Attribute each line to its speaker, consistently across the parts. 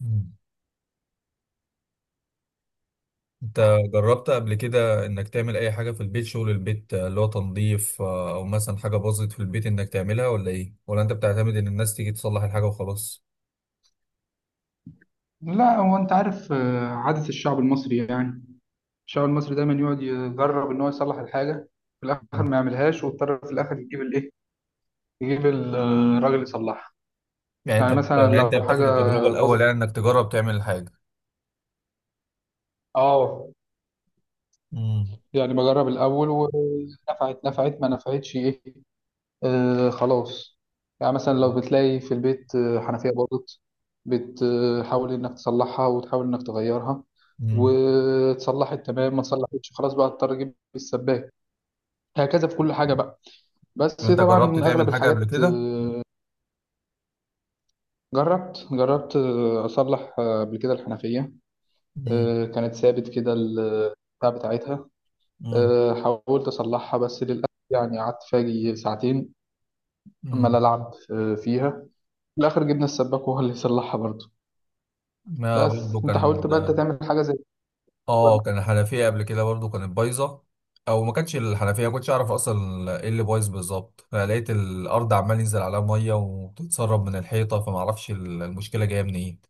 Speaker 1: مم. انت جربت قبل كده انك تعمل اي حاجة في البيت، شغل البيت، اللي هو تنظيف، او مثلا حاجة باظت في البيت، انك تعملها ولا ايه، ولا انت بتعتمد ان الناس تيجي تصلح الحاجة وخلاص؟
Speaker 2: لا، هو انت عارف، عادة الشعب المصري، يعني الشعب المصري دايما يقعد يجرب ان هو يصلح الحاجة. في الاخر
Speaker 1: مم.
Speaker 2: ما يعملهاش، واضطر في الاخر يجيب الايه، يجيب الراجل يصلحها. يعني مثلا
Speaker 1: يعني
Speaker 2: لو
Speaker 1: انت بتاخد
Speaker 2: حاجة
Speaker 1: التجربة الاول،
Speaker 2: باظت،
Speaker 1: يعني انك تجرب تعمل الحاجة.
Speaker 2: اه،
Speaker 1: امم.
Speaker 2: يعني بجرب الاول، ونفعت نفعت، ما نفعتش ايه، آه خلاص. يعني مثلا لو بتلاقي في البيت حنفية باظت، بتحاول انك تصلحها وتحاول انك تغيرها.
Speaker 1: امم.
Speaker 2: وتصلحت تمام، ما تصلحتش خلاص بقى اضطر اجيب السباك. هكذا في كل حاجة بقى. بس
Speaker 1: وانت جربت
Speaker 2: طبعا.
Speaker 1: تعمل
Speaker 2: أغلب
Speaker 1: حاجة قبل
Speaker 2: الحاجات،
Speaker 1: كده؟
Speaker 2: جربت أصلح قبل كده الحنفية.
Speaker 1: امم.
Speaker 2: كانت ثابت كده البتاع بتاعتها. حاولت أصلحها بس للأسف، يعني قعدت فاجي ساعتين عمال
Speaker 1: امم.
Speaker 2: ألعب فيها. في الآخر جبنا السباك وهو اللي يصلحها برضه.
Speaker 1: ما برضه
Speaker 2: بس أنت حاولت
Speaker 1: كان.
Speaker 2: بقى أنت تعمل حاجة زي كده ولا؟
Speaker 1: اه، كان الحنفيه قبل كده برضو كانت بايظه. او ما كانتش الحنفيه، ما كنتش اعرف اصلا ايه اللي بايظ بالظبط، فلقيت الارض عمال ينزل عليها ميه وبتتسرب من الحيطه، فما اعرفش المشكله جايه منين.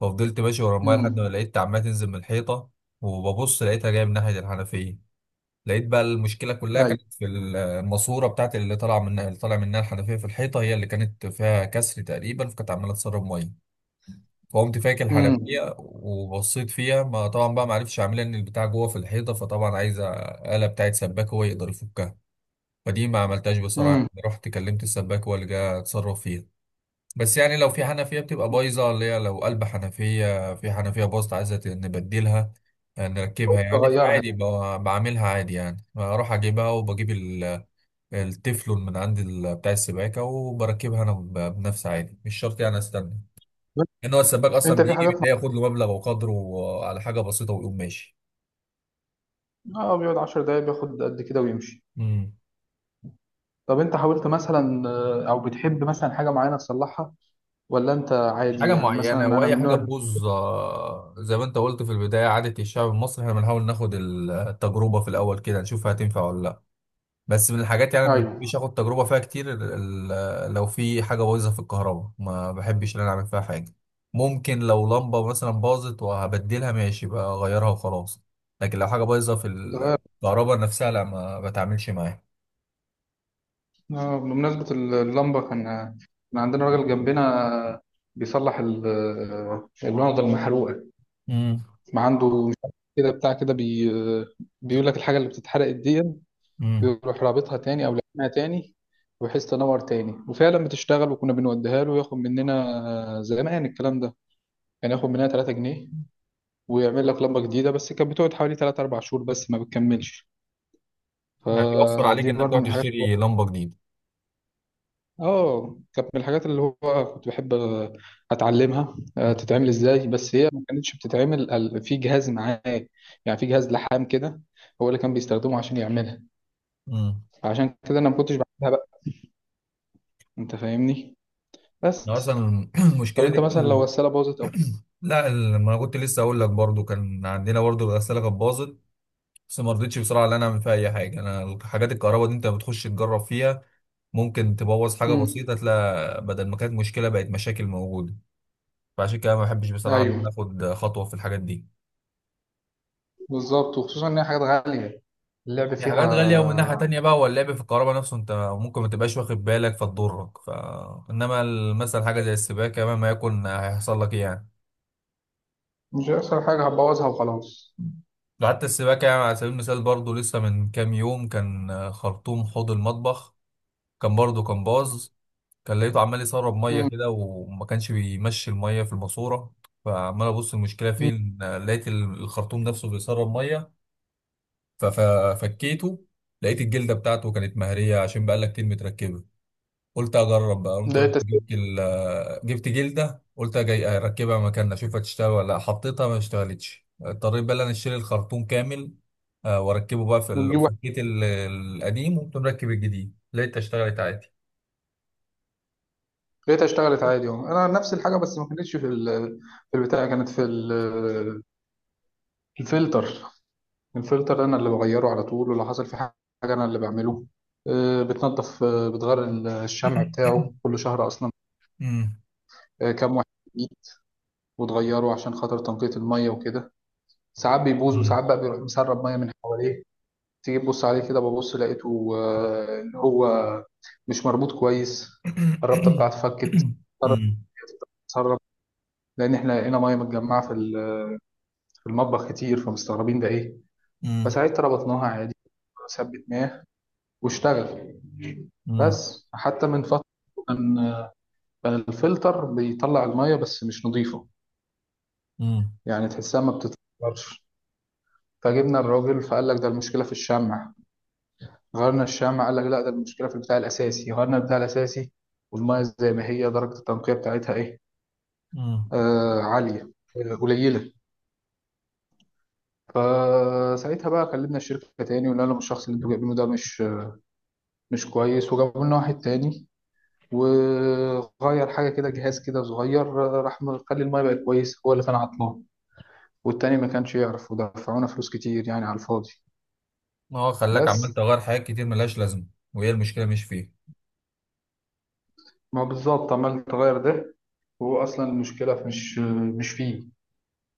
Speaker 1: ففضلت ماشي ورا الميه لحد ما
Speaker 2: امم،
Speaker 1: لقيت عمال تنزل من الحيطه، وببص لقيتها جايه من ناحيه الحنفيه. لقيت بقى المشكله كلها
Speaker 2: أيوه،
Speaker 1: كانت في الماسوره بتاعت اللي طالع منها الحنفيه في الحيطه، هي اللي كانت فيها كسر تقريبا، فكانت عماله تسرب ميه. فقمت فاكر
Speaker 2: امم،
Speaker 1: الحنفيه وبصيت فيها، ما طبعا بقى ما عرفتش اعملها، ان البتاع جوه في الحيطه، فطبعا عايز آلة بتاعت سباك هو يقدر يفكها. فدي ما عملتهاش بصراحه،
Speaker 2: امم،
Speaker 1: يعني رحت كلمت السباك هو اللي جه اتصرف فيها. بس يعني لو في حنفيه بتبقى بايظه، اللي هي لو قلب حنفيه في حنفيه باظت عايزه نبدلها، نركبها يعني
Speaker 2: تغيرها.
Speaker 1: عادي، بعملها عادي، يعني اروح اجيبها وبجيب التefلون من عند بتاع السباكه وبركبها انا، بنفسي عادي، مش شرط يعني استنى ان هو السباك اصلا
Speaker 2: أنت في
Speaker 1: بيجي
Speaker 2: حاجات مع...
Speaker 1: بتلاقيه ياخد له مبلغ وقدره على حاجه بسيطه ويقوم ماشي.
Speaker 2: آه، بيقعد 10 دقايق بياخد قد كده ويمشي.
Speaker 1: امم.
Speaker 2: طب انت حاولت مثلا، او بتحب مثلا حاجه معينه تصلحها، ولا انت
Speaker 1: مش
Speaker 2: عادي؟
Speaker 1: حاجه
Speaker 2: يعني مثلا
Speaker 1: معينه،
Speaker 2: انا من
Speaker 1: واي
Speaker 2: النوع
Speaker 1: حاجه
Speaker 2: اللي-.
Speaker 1: تبوظ، زي ما انت قلت في البدايه، عاده الشعب المصري، احنا بنحاول ناخد التجربه في الاول كده نشوف هتنفع ولا لا. بس من الحاجات يعني ما
Speaker 2: ايوه،
Speaker 1: بحبش اخد تجربه فيها كتير. لو في حاجه بايظه في الكهرباء ما بحبش ان انا اعمل فيها حاجه. ممكن لو لمبه مثلا باظت وهبدلها ماشي، بقى اغيرها وخلاص. لكن لو حاجه بايظه في
Speaker 2: تغير.
Speaker 1: الكهرباء نفسها، لا، ما بتعاملش معاها.
Speaker 2: بمناسبه اللمبه، كان عندنا راجل جنبنا بيصلح الونضه المحروقه. ما عنده، مش عارف كده، بتاع كده، بي، آه، بيقول لك الحاجه اللي بتتحرق دي
Speaker 1: امم.
Speaker 2: بيروح رابطها تاني او لازمها تاني بحيث تنور تاني، وفعلا بتشتغل. وكنا بنوديها له وياخد مننا. زمان الكلام ده كان ياخد مننا 3 جنيه، ويعمل لك لمبة جديدة. بس كانت بتقعد حوالي 3 4 شهور بس، ما بتكملش.
Speaker 1: يعني بيوفر عليك
Speaker 2: فدي
Speaker 1: انك
Speaker 2: برضو
Speaker 1: تروح
Speaker 2: من الحاجات.
Speaker 1: تشتري لمبه جديده.
Speaker 2: اه، كانت من الحاجات اللي هو كنت بحب اتعلمها تتعمل ازاي. بس هي ما كانتش بتتعمل في جهاز معاه. يعني في جهاز لحام كده، هو اللي كان بيستخدمه عشان يعملها.
Speaker 1: امم.
Speaker 2: عشان كده انا ما كنتش بعملها بقى. انت فاهمني. بس.
Speaker 1: أنا اصلا
Speaker 2: طب
Speaker 1: المشكله دي
Speaker 2: انت مثلا لو الغسالة باظت او...
Speaker 1: لا، ما انا كنت لسه اقول لك برضو، كان عندنا برضو الغساله كانت باظت، بس ما رضيتش بصراحه ان انا اعمل فيها اي حاجه. انا حاجات الكهرباء دي انت بتخش تجرب فيها، ممكن تبوظ حاجه
Speaker 2: امم،
Speaker 1: بسيطه، تلاقي بدل ما كانت مشكله بقت مشاكل موجوده. فعشان كده ما بحبش بصراحه ان
Speaker 2: ايوه،
Speaker 1: أنا اخد خطوه في الحاجات دي.
Speaker 2: بالظبط، وخصوصا ان هي حاجات غالية اللعب
Speaker 1: دي
Speaker 2: فيها.
Speaker 1: حاجات غالية، ومن ناحية تانية بقى هو اللعب في الكهرباء نفسه انت ممكن ما تبقاش واخد بالك فتضرك، انما مثلا حاجة زي السباكة مهما يكون هيحصل لك ايه يعني.
Speaker 2: مش هيحصل حاجة، هبوظها وخلاص.
Speaker 1: ده حتى السباكة يعني على سبيل المثال، برضو لسه من كام يوم كان خرطوم حوض المطبخ، كان برضو كان باظ. كان لقيته عمال يسرب مية
Speaker 2: امم،
Speaker 1: كده، وما كانش بيمشي المية في الماسورة. فعمال ابص المشكلة فين، لقيت الخرطوم نفسه بيسرب مية. ففكيته، لقيت الجلدة بتاعته كانت مهرية عشان بقالها كتير متركبة. قلت اجرب بقى، قمت رحت
Speaker 2: لقيت
Speaker 1: جبت جلده، قلت جاي اركبها مكاننا اشوفها تشتغل ولا لا. حطيتها ما اشتغلتش، اضطريت بقى إن انا اشتري الخرطوم كامل، واركبه بقى
Speaker 2: بتجيب واحد،
Speaker 1: فكيت القديم وقمت مركب الجديد، لقيتها اشتغلت عادي.
Speaker 2: لقيتها اشتغلت عادي اهو. انا نفس الحاجه بس ما كانتش في ال... في البتاع، كانت في ال... الفلتر. الفلتر انا اللي بغيره على طول، ولو حصل في حاجه انا اللي بعمله. بتنضف، بتغير الشمع بتاعه كل شهر اصلا.
Speaker 1: مم.
Speaker 2: كام واحد جديد، وتغيره عشان خاطر تنقية الميه وكده. ساعات بيبوظ،
Speaker 1: مم.
Speaker 2: وساعات بقى بيروح مسرب ميه من حواليه. تيجي تبص عليه كده، ببص لقيته ان هو مش مربوط كويس، الرابطه بتاعته فكت،
Speaker 1: مم.
Speaker 2: اتسرب، لان احنا لقينا ميه متجمعه في المطبخ كتير، فمستغربين ده ايه.
Speaker 1: مم.
Speaker 2: فساعتها ربطناها عادي وثبتناه واشتغل.
Speaker 1: مم.
Speaker 2: بس حتى من فتره، كان كان الفلتر بيطلع الميه بس مش نظيفه،
Speaker 1: مم.
Speaker 2: يعني تحسها ما بتتفلترش. فجبنا الراجل فقال لك ده المشكله في الشمع، غيرنا الشمع، قال لك لا، ده المشكله في البتاع الاساسي، غيرنا البتاع الاساسي. والميه زي ما هي، درجه التنقيه بتاعتها ايه؟
Speaker 1: مم.
Speaker 2: آه عاليه، قليله. فساعتها بقى كلمنا الشركه تاني وقلنا لهم الشخص اللي انتوا جايبينه ده مش كويس، وجابوا لنا واحد تاني، وغير حاجة كده، جهاز كده صغير، راح مخلي المايه بقت كويسة. هو اللي كان عطلان، والتاني ما كانش يعرف، ودفعونا فلوس كتير يعني على الفاضي.
Speaker 1: هو خلاك عمال
Speaker 2: بس
Speaker 1: تغير حاجات كتير ملهاش لازمه، وهي المشكله مش فيه.
Speaker 2: ما هو بالظبط عمال تغير ده، وهو أصلا المشكلة مش فيه.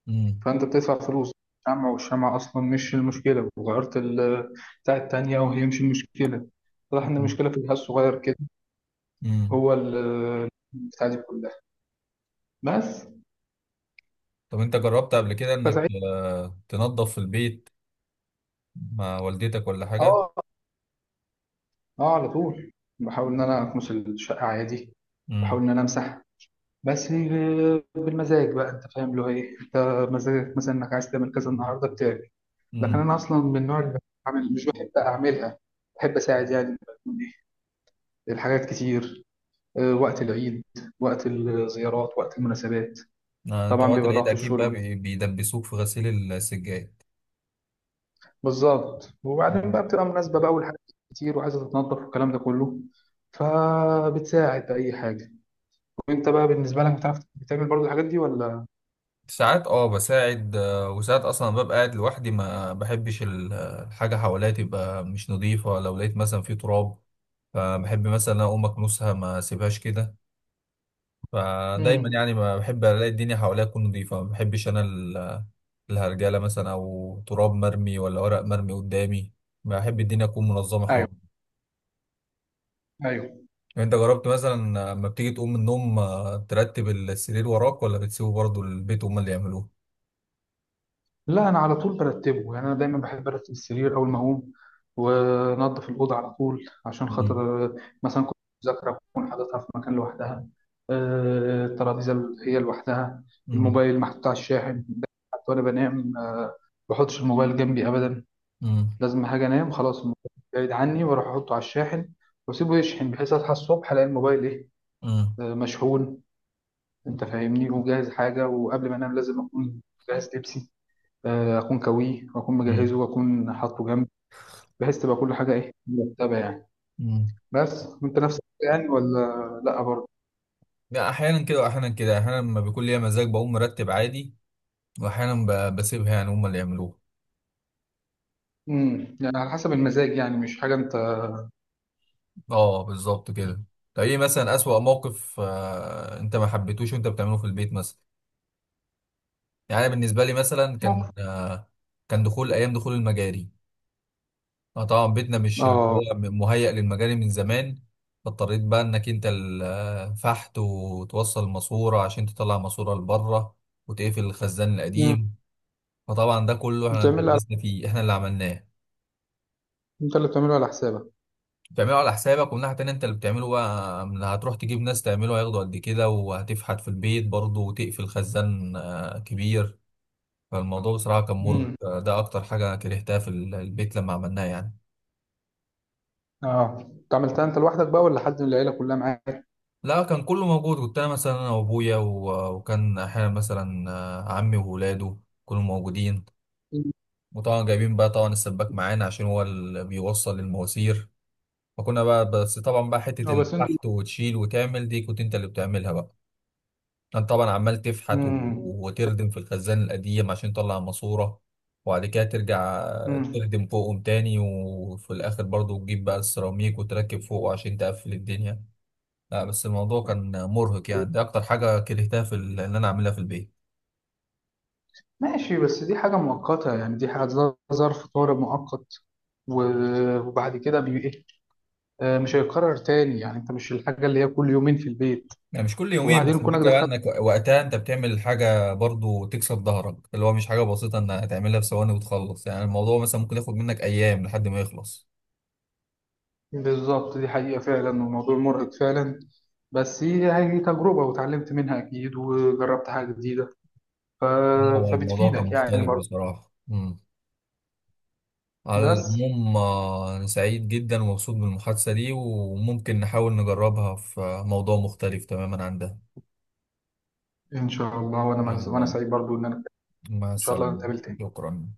Speaker 1: مم.
Speaker 2: فأنت بتدفع فلوس شمع، والشمع أصلا مش المشكلة، وغيرت بتاع التانية وهي مش المشكلة. واضح إن المشكلة في الجهاز الصغير كده،
Speaker 1: مم.
Speaker 2: هو بتاع دي كلها. بس.
Speaker 1: طب انت جربت قبل كده انك
Speaker 2: فساعتها،
Speaker 1: تنظف في البيت مع والدتك ولا حاجة؟
Speaker 2: اه، اه، على طول بحاول ان انا اكنس الشقه عادي، بحاول
Speaker 1: امم.
Speaker 2: ان انا امسح. بس بالمزاج بقى، انت فاهم اللي هو ايه، انت مزاجك مثلا انك عايز تعمل كذا النهارده بتعمل. لكن
Speaker 1: امم.
Speaker 2: انا اصلا من النوع اللي بعمل، مش بحب اعملها. بحب اساعد يعني لما يكون ايه، الحاجات كتير، وقت العيد، وقت الزيارات، وقت المناسبات.
Speaker 1: انت
Speaker 2: طبعا
Speaker 1: وقت
Speaker 2: بيبقى
Speaker 1: العيد
Speaker 2: ضغط
Speaker 1: اكيد بقى
Speaker 2: الشغل.
Speaker 1: بيدبسوك في غسيل السجاد.
Speaker 2: بالظبط، وبعدين
Speaker 1: مم.
Speaker 2: بقى بتبقى مناسبه بقى، والحاجات كتير وعايزه تتنظف والكلام ده كله، فبتساعد بأي حاجه. وانت بقى بالنسبه لك بتعرف بتعمل برضو الحاجات دي ولا؟
Speaker 1: ساعات بساعد، وساعات اصلا ببقى قاعد لوحدي، ما بحبش الحاجة حواليا تبقى مش نظيفة، لو لقيت مثلا في تراب فبحب مثلا اقوم اكنسها ما اسيبهاش كده. فدايما
Speaker 2: امم،
Speaker 1: يعني ما بحب الاقي الدنيا حواليا تكون نظيفه، ما بحبش انا الهرجله مثلا او تراب مرمي ولا ورق مرمي قدامي. بحب الدنيا تكون منظمه
Speaker 2: ايوه،
Speaker 1: حواليا.
Speaker 2: ايوه.
Speaker 1: يعني انت جربت مثلا لما بتيجي تقوم من النوم ترتب السرير وراك، ولا بتسيبه برضه البيت هم اللي يعملوه؟
Speaker 2: لا، انا على طول برتبه، يعني انا دايما بحب ارتب السرير اول ما اقوم، وانضف الاوضه على طول عشان
Speaker 1: مم.
Speaker 2: خاطر مثلا كنت مذاكره اكون حاططها في مكان لوحدها. الترابيزه اللي هي لوحدها،
Speaker 1: مم.
Speaker 2: الموبايل محطوط على الشاحن ده. حتى وانا بنام ما بحطش الموبايل جنبي ابدا.
Speaker 1: مم.
Speaker 2: لازم حاجه، انام خلاص الموبايل بعيد عني، واروح احطه على الشاحن واسيبه يشحن بحيث اصحى الصبح الاقي الموبايل ايه،
Speaker 1: مم.
Speaker 2: مشحون. انت فاهمني، وجاهز حاجه. وقبل ما انام لازم اكون جاهز لبسي، اكون كويه، واكون
Speaker 1: مم.
Speaker 2: مجهزه، واكون حاطه جنبي، بحيث تبقى كل حاجه ايه، مرتبه يعني.
Speaker 1: مم.
Speaker 2: بس وانت نفس الحاجة يعني ولا؟ لا برضه.
Speaker 1: لا، احيانا كده واحيانا كده، احيانا لما بيكون ليا مزاج بقوم مرتب عادي، واحيانا بسيبها يعني هم اللي يعملوه.
Speaker 2: امم، يعني على حسب المزاج يعني مش حاجه انت.
Speaker 1: اه، بالظبط كده. طب ايه مثلا اسوأ موقف انت ما حبيتوش وانت بتعمله في البيت مثلا؟ يعني أنا بالنسبه لي مثلا كان
Speaker 2: موقف.
Speaker 1: آه كان دخول ايام دخول المجاري. اه، طبعا بيتنا مش اللي
Speaker 2: اه.
Speaker 1: هو مهيأ للمجاري من زمان، فاضطريت بقى انك انت الفحت وتوصل ماسوره عشان تطلع ماسوره لبره وتقفل الخزان
Speaker 2: امم.
Speaker 1: القديم. فطبعا ده كله احنا
Speaker 2: بتعملها على...
Speaker 1: اتدبسنا فيه، احنا اللي عملناه.
Speaker 2: انت اللي بتعمله على حسابك.
Speaker 1: بتعمله على حسابك، ومن ناحية تانية انت اللي بتعمله بقى، هتروح تجيب ناس تعمله، هياخدوا قد كده، وهتفحت في البيت برضه وتقفل خزان كبير. فالموضوع بصراحة كان مرهق،
Speaker 2: امم.
Speaker 1: ده أكتر حاجة كرهتها في البيت لما عملناه يعني.
Speaker 2: اه، انت عملتها انت لوحدك بقى ولا حد من العيله كلها معاك؟
Speaker 1: لا، كان كله موجود، كنت أنا مثلا، أنا وأبويا وكان أحيانا مثلا عمي وولاده كلهم موجودين.
Speaker 2: مم.
Speaker 1: وطبعا جايبين بقى طبعا السباك معانا عشان هو اللي بيوصل المواسير. فكنا بقى، بس طبعا بقى حتة
Speaker 2: اه، بس انتوا.
Speaker 1: الفحت وتشيل وتعمل دي كنت انت اللي بتعملها بقى. انت طبعا عمال تفحت
Speaker 2: امم.
Speaker 1: وتردم في الخزان القديم عشان تطلع ماسورة، وبعد كده ترجع
Speaker 2: امم.
Speaker 1: تردم فوقهم تاني، وفي الاخر برضو تجيب بقى السيراميك وتركب فوقه عشان تقفل الدنيا. لا، بس الموضوع كان مرهق يعني، ده اكتر حاجة كرهتها في ان انا اعملها في البيت.
Speaker 2: ماشي، بس دي حاجة مؤقتة، يعني دي حاجة ظرف طارئ مؤقت، وبعد كده بي إيه؟ مش هيتكرر تاني، يعني انت مش الحاجة اللي هي كل يومين في البيت.
Speaker 1: يعني مش كل يومين،
Speaker 2: وبعدين
Speaker 1: بس
Speaker 2: كونك
Speaker 1: الفكرة بقى
Speaker 2: دخلت،
Speaker 1: انك وقتها انت بتعمل حاجة برضو تكسب ظهرك، اللي هو مش حاجة بسيطة انك هتعملها في ثواني وتخلص، يعني الموضوع مثلا ممكن ياخد منك ايام لحد ما يخلص.
Speaker 2: بالظبط دي حقيقة فعلا، وموضوع مرهق فعلا. بس هي تجربة وتعلمت منها أكيد، وجربت حاجة جديدة، ف...
Speaker 1: هو الموضوع كان
Speaker 2: فبتفيدك يعني
Speaker 1: مختلف
Speaker 2: برضه.
Speaker 1: بصراحة. مم. على
Speaker 2: بس،
Speaker 1: العموم، أنا سعيد جدا ومبسوط بالمحادثة دي، وممكن نحاول نجربها في موضوع مختلف تماما عن ده.
Speaker 2: إن شاء الله.
Speaker 1: إن
Speaker 2: وأنا
Speaker 1: شاء
Speaker 2: وأنا
Speaker 1: الله.
Speaker 2: سعيد برضه إن أنا.
Speaker 1: مع
Speaker 2: إن شاء الله
Speaker 1: السلامة.
Speaker 2: نتقابل تاني.
Speaker 1: شكرا.